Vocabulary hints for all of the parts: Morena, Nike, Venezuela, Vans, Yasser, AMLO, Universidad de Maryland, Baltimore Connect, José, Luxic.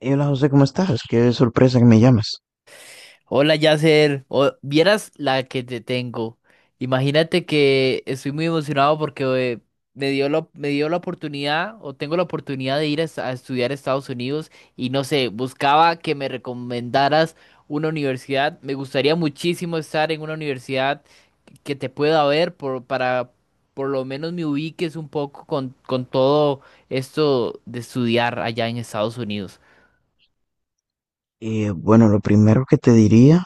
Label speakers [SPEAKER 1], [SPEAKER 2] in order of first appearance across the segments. [SPEAKER 1] Hey, hola José, ¿cómo estás? Qué sorpresa que me llamas.
[SPEAKER 2] Hola Yasser, vieras la que te tengo. Imagínate que estoy muy emocionado porque eh, me dio la oportunidad o tengo la oportunidad de ir a estudiar a Estados Unidos y no sé, buscaba que me recomendaras una universidad. Me gustaría muchísimo estar en una universidad que te pueda para por lo menos me ubiques un poco con todo esto de estudiar allá en Estados Unidos.
[SPEAKER 1] Bueno, lo primero que te diría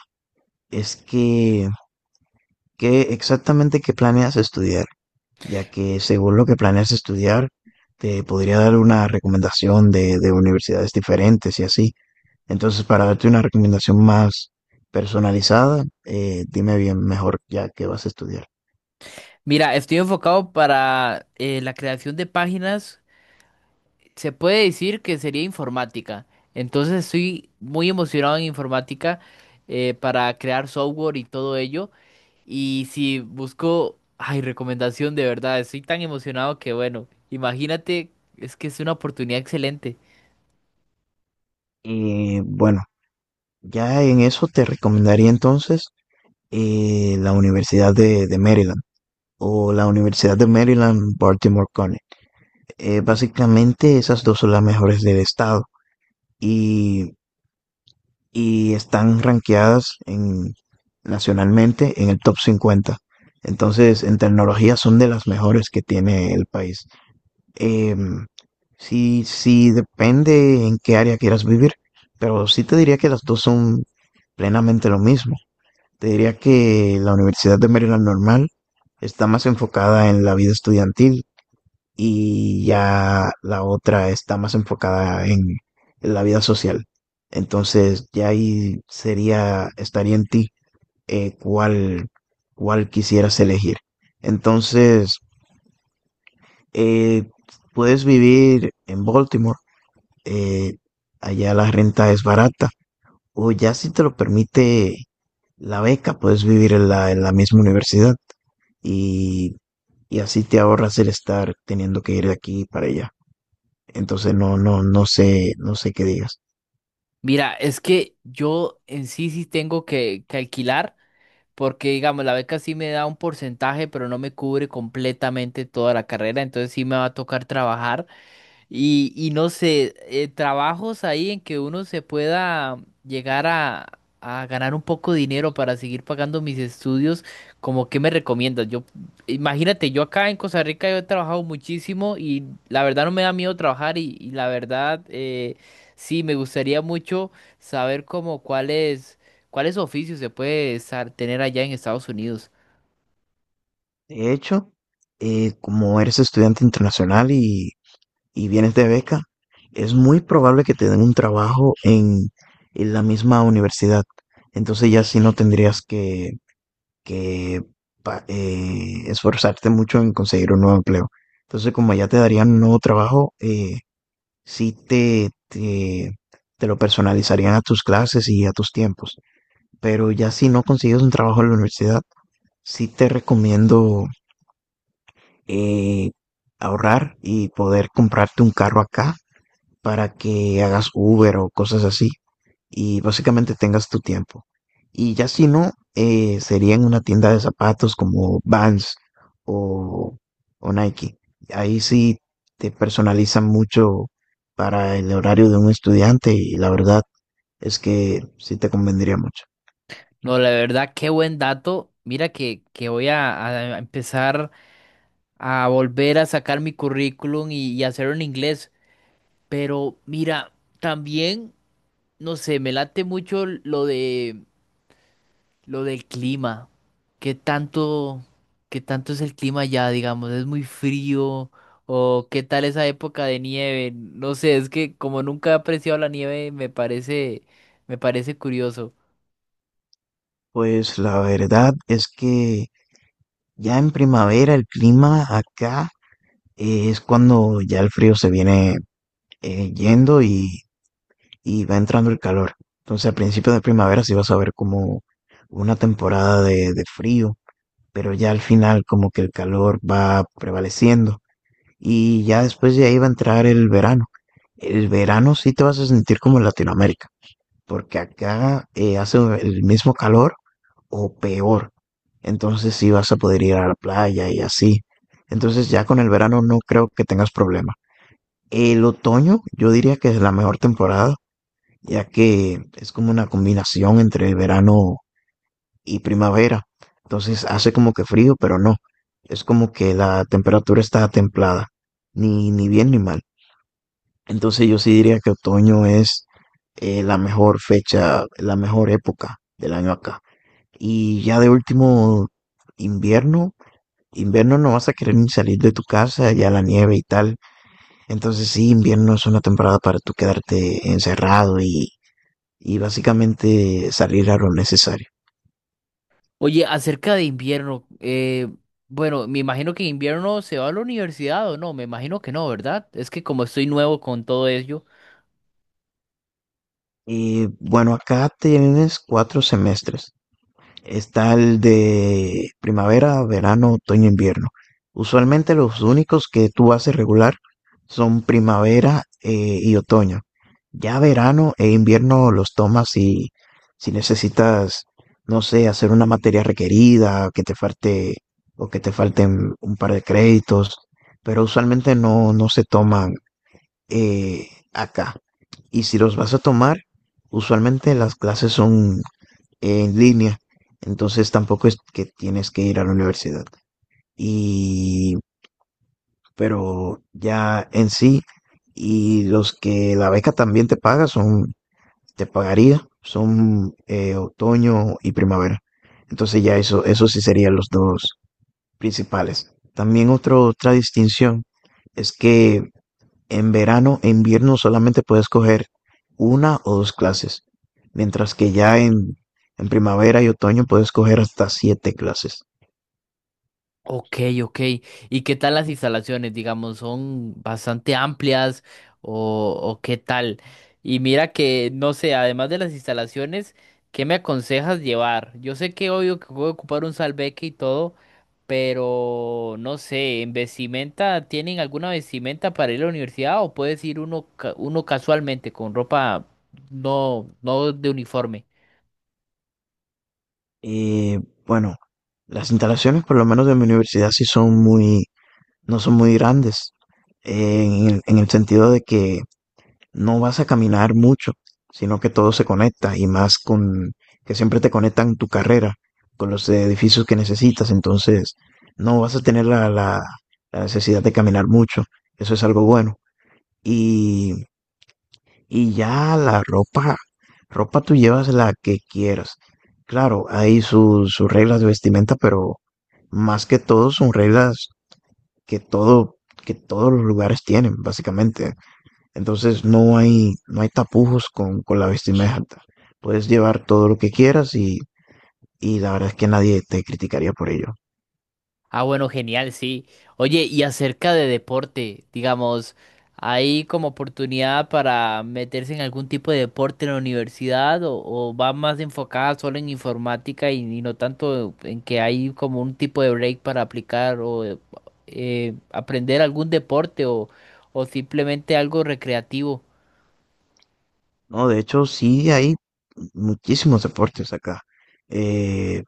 [SPEAKER 1] es que, ¿qué exactamente qué planeas estudiar? Ya que según lo que planeas estudiar, te podría dar una recomendación de universidades diferentes y así. Entonces, para darte una recomendación más personalizada, dime bien mejor ya qué vas a estudiar.
[SPEAKER 2] Mira, estoy enfocado para la creación de páginas. Se puede decir que sería informática. Entonces estoy muy emocionado en informática, para crear software y todo ello. Y si busco, ay, recomendación de verdad, estoy tan emocionado que bueno, imagínate, es que es una oportunidad excelente.
[SPEAKER 1] Y bueno, ya en eso te recomendaría entonces la Universidad de Maryland, o la Universidad de Maryland, Baltimore Connect. Básicamente esas dos son las mejores del estado y, y están rankeadas en, nacionalmente en el top 50. Entonces, en tecnología son de las mejores que tiene el país. Eh, sí, sí, depende en qué área quieras vivir, pero sí te diría que las dos son plenamente lo mismo. Te diría que la Universidad de Maryland normal está más enfocada en la vida estudiantil y ya la otra está más enfocada en la vida social. Entonces ya ahí sería, estaría en ti eh, cuál, cuál quisieras elegir. Entonces, eh, puedes vivir en Baltimore, eh, allá la renta es barata, o ya si te lo permite la beca, puedes vivir en en la misma universidad y, y así te ahorras el estar teniendo que ir de aquí para allá. Entonces no sé, no sé qué digas.
[SPEAKER 2] Mira, es que yo en sí sí tengo que alquilar, porque digamos, la beca sí me da un porcentaje, pero no me cubre completamente toda la carrera, entonces sí me va a tocar trabajar. Y no sé, trabajos ahí en que uno se pueda llegar a ganar un poco de dinero para seguir pagando mis estudios, ¿como qué me recomiendas? Yo, imagínate, yo acá en Costa Rica yo he trabajado muchísimo y la verdad no me da miedo trabajar y la verdad, sí, me gustaría mucho saber como cuáles oficios se puede estar, tener allá en Estados Unidos.
[SPEAKER 1] De hecho, como eres estudiante internacional y vienes de beca, es muy probable que te den un trabajo en la misma universidad. Entonces ya sí no tendrías que esforzarte mucho en conseguir un nuevo empleo. Entonces como ya te darían un nuevo trabajo, sí te, te, te lo personalizarían a tus clases y a tus tiempos. Pero ya si no consigues un trabajo en la universidad, sí te recomiendo eh, ahorrar y poder comprarte un carro acá para que hagas Uber o cosas así y básicamente tengas tu tiempo. Y ya si no, sería en una tienda de zapatos como Vans o, o Nike. Ahí sí te personalizan mucho para el horario de un estudiante y la verdad es que sí te convendría mucho.
[SPEAKER 2] No, la verdad, qué buen dato. Mira que voy a empezar a volver a sacar mi currículum y hacerlo en inglés. Pero mira, también, no sé, me late mucho lo del clima. ¿Qué tanto, qué tanto es el clima allá, digamos? ¿Es muy frío? ¿O qué tal esa época de nieve? No sé, es que como nunca he apreciado la nieve, me parece curioso.
[SPEAKER 1] Pues la verdad es que ya en primavera el clima acá es cuando ya el frío se viene yendo y va entrando el calor. Entonces, a principios de primavera sí vas a ver como una temporada de frío, pero ya al final como que el calor va prevaleciendo y ya después de ahí va a entrar el verano. El verano sí te vas a sentir como en Latinoamérica, porque acá hace el mismo calor o peor. Entonces sí vas a poder ir a la playa y así. Entonces ya con el verano no creo que tengas problema. El otoño yo diría que es la mejor temporada, ya que es como una combinación entre verano y primavera. Entonces hace como que frío, pero no. Es como que la temperatura está templada, ni, ni bien ni mal. Entonces yo sí diría que otoño es la mejor fecha, la mejor época del año acá. Y ya de último, invierno. Invierno no vas a querer ni salir de tu casa, ya la nieve y tal. Entonces sí, invierno es una temporada para tú quedarte encerrado y básicamente salir a lo necesario.
[SPEAKER 2] Oye, acerca de invierno, bueno, me imagino que invierno se va a la universidad o no, me imagino que no, ¿verdad? Es que como estoy nuevo con todo ello.
[SPEAKER 1] Y bueno, acá tienes cuatro semestres. Está el de primavera, verano, otoño, invierno. Usualmente los únicos que tú haces regular son primavera y otoño. Ya verano e invierno los tomas si, si necesitas, no sé, hacer una materia requerida, que te falte o que te falten un par de créditos, pero usualmente no, no se toman acá. Y si los vas a tomar, usualmente las clases son en línea, entonces tampoco es que tienes que ir a la universidad. Y, pero ya en sí, y los que la beca también te paga son, te pagaría, son otoño y primavera. Entonces ya eso sí serían los dos principales. También otra distinción es que en verano e invierno solamente puedes coger una o dos clases, mientras que ya en primavera y otoño puedes coger hasta 7 clases.
[SPEAKER 2] Ok, ok. ¿Y qué tal las instalaciones? Digamos, ¿son bastante amplias o qué tal? Y mira que, no sé, además de las instalaciones, ¿qué me aconsejas llevar? Yo sé que obvio que voy a ocupar un salveque y todo, pero no sé, ¿en vestimenta tienen alguna vestimenta para ir a la universidad o puedes ir uno casualmente con ropa, no de uniforme?
[SPEAKER 1] Y bueno, las instalaciones, por lo menos de mi universidad, sí son muy, no son muy grandes, en en el sentido de que no vas a caminar mucho, sino que todo se conecta y más con que siempre te conectan tu carrera con los edificios que necesitas, entonces no vas a tener la necesidad de caminar mucho, eso es algo bueno. Y, y ya la ropa, ropa tú llevas la que quieras. Claro, hay sus reglas de vestimenta, pero más que todo son reglas que todo, que todos los lugares tienen, básicamente. Entonces no hay, no hay tapujos con la vestimenta. Puedes llevar todo lo que quieras y la verdad es que nadie te criticaría por ello.
[SPEAKER 2] Ah, bueno, genial, sí. Oye, y acerca de deporte, digamos, ¿hay como oportunidad para meterse en algún tipo de deporte en la universidad o va más enfocada solo en informática y no tanto en que hay como un tipo de break para aplicar o aprender algún deporte o simplemente algo recreativo?
[SPEAKER 1] No, de hecho sí hay muchísimos deportes acá. Eh,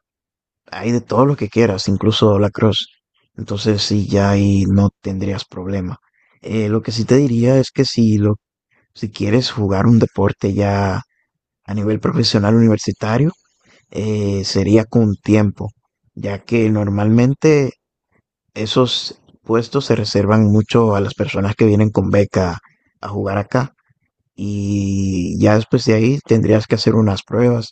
[SPEAKER 1] Hay de todo lo que quieras, incluso la cross. Entonces sí, ya ahí no tendrías problema. Lo que sí te diría es que si si quieres jugar un deporte ya a nivel profesional universitario, sería con tiempo, ya que normalmente esos puestos se reservan mucho a las personas que vienen con beca a jugar acá. Y ya después de ahí tendrías que hacer unas pruebas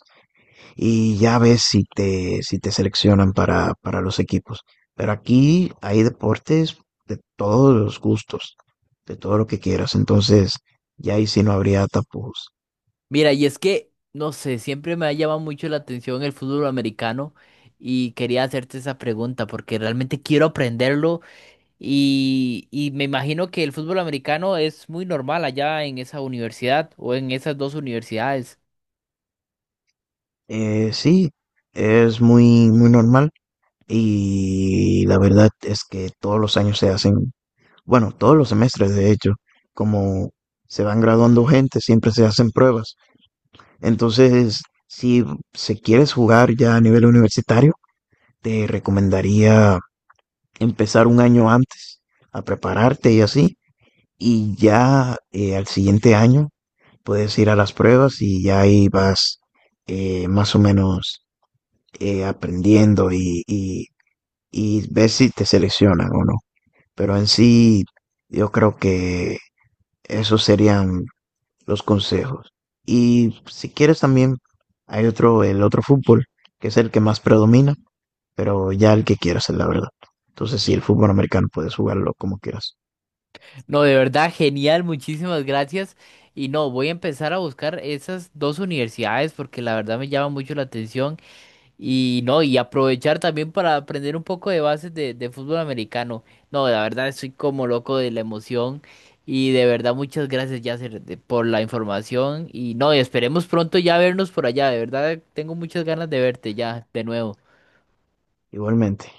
[SPEAKER 1] y ya ves si te, si te seleccionan para los equipos. Pero aquí hay deportes de todos los gustos, de todo lo que quieras. Entonces, ya ahí sí no habría tapujos.
[SPEAKER 2] Mira, y es que, no sé, siempre me ha llamado mucho la atención el fútbol americano y quería hacerte esa pregunta porque realmente quiero aprenderlo. Y me imagino que el fútbol americano es muy normal allá en esa universidad o en esas dos universidades.
[SPEAKER 1] Sí, es muy, muy normal y la verdad es que todos los años se hacen, bueno, todos los semestres, de hecho, como se van graduando gente, siempre se hacen pruebas. Entonces, si se quieres jugar ya a nivel universitario, te recomendaría empezar un año antes a prepararte y así. Y ya al siguiente año puedes ir a las pruebas y ya ahí vas más o menos aprendiendo y ver si te seleccionan o no. Pero en sí, yo creo que esos serían los consejos. Y si quieres también hay otro, el otro fútbol, que es el que más predomina, pero ya el que quieras es la verdad. Entonces sí, el fútbol americano puedes jugarlo como quieras.
[SPEAKER 2] No, de verdad, genial, muchísimas gracias. Y no, voy a empezar a buscar esas dos universidades porque la verdad me llama mucho la atención. Y no, y aprovechar también para aprender un poco de bases de fútbol americano. No, la verdad estoy como loco de la emoción. Y de verdad, muchas gracias, Yasser, por la información. Y no, y esperemos pronto ya vernos por allá. De verdad, tengo muchas ganas de verte ya de nuevo.
[SPEAKER 1] Igualmente.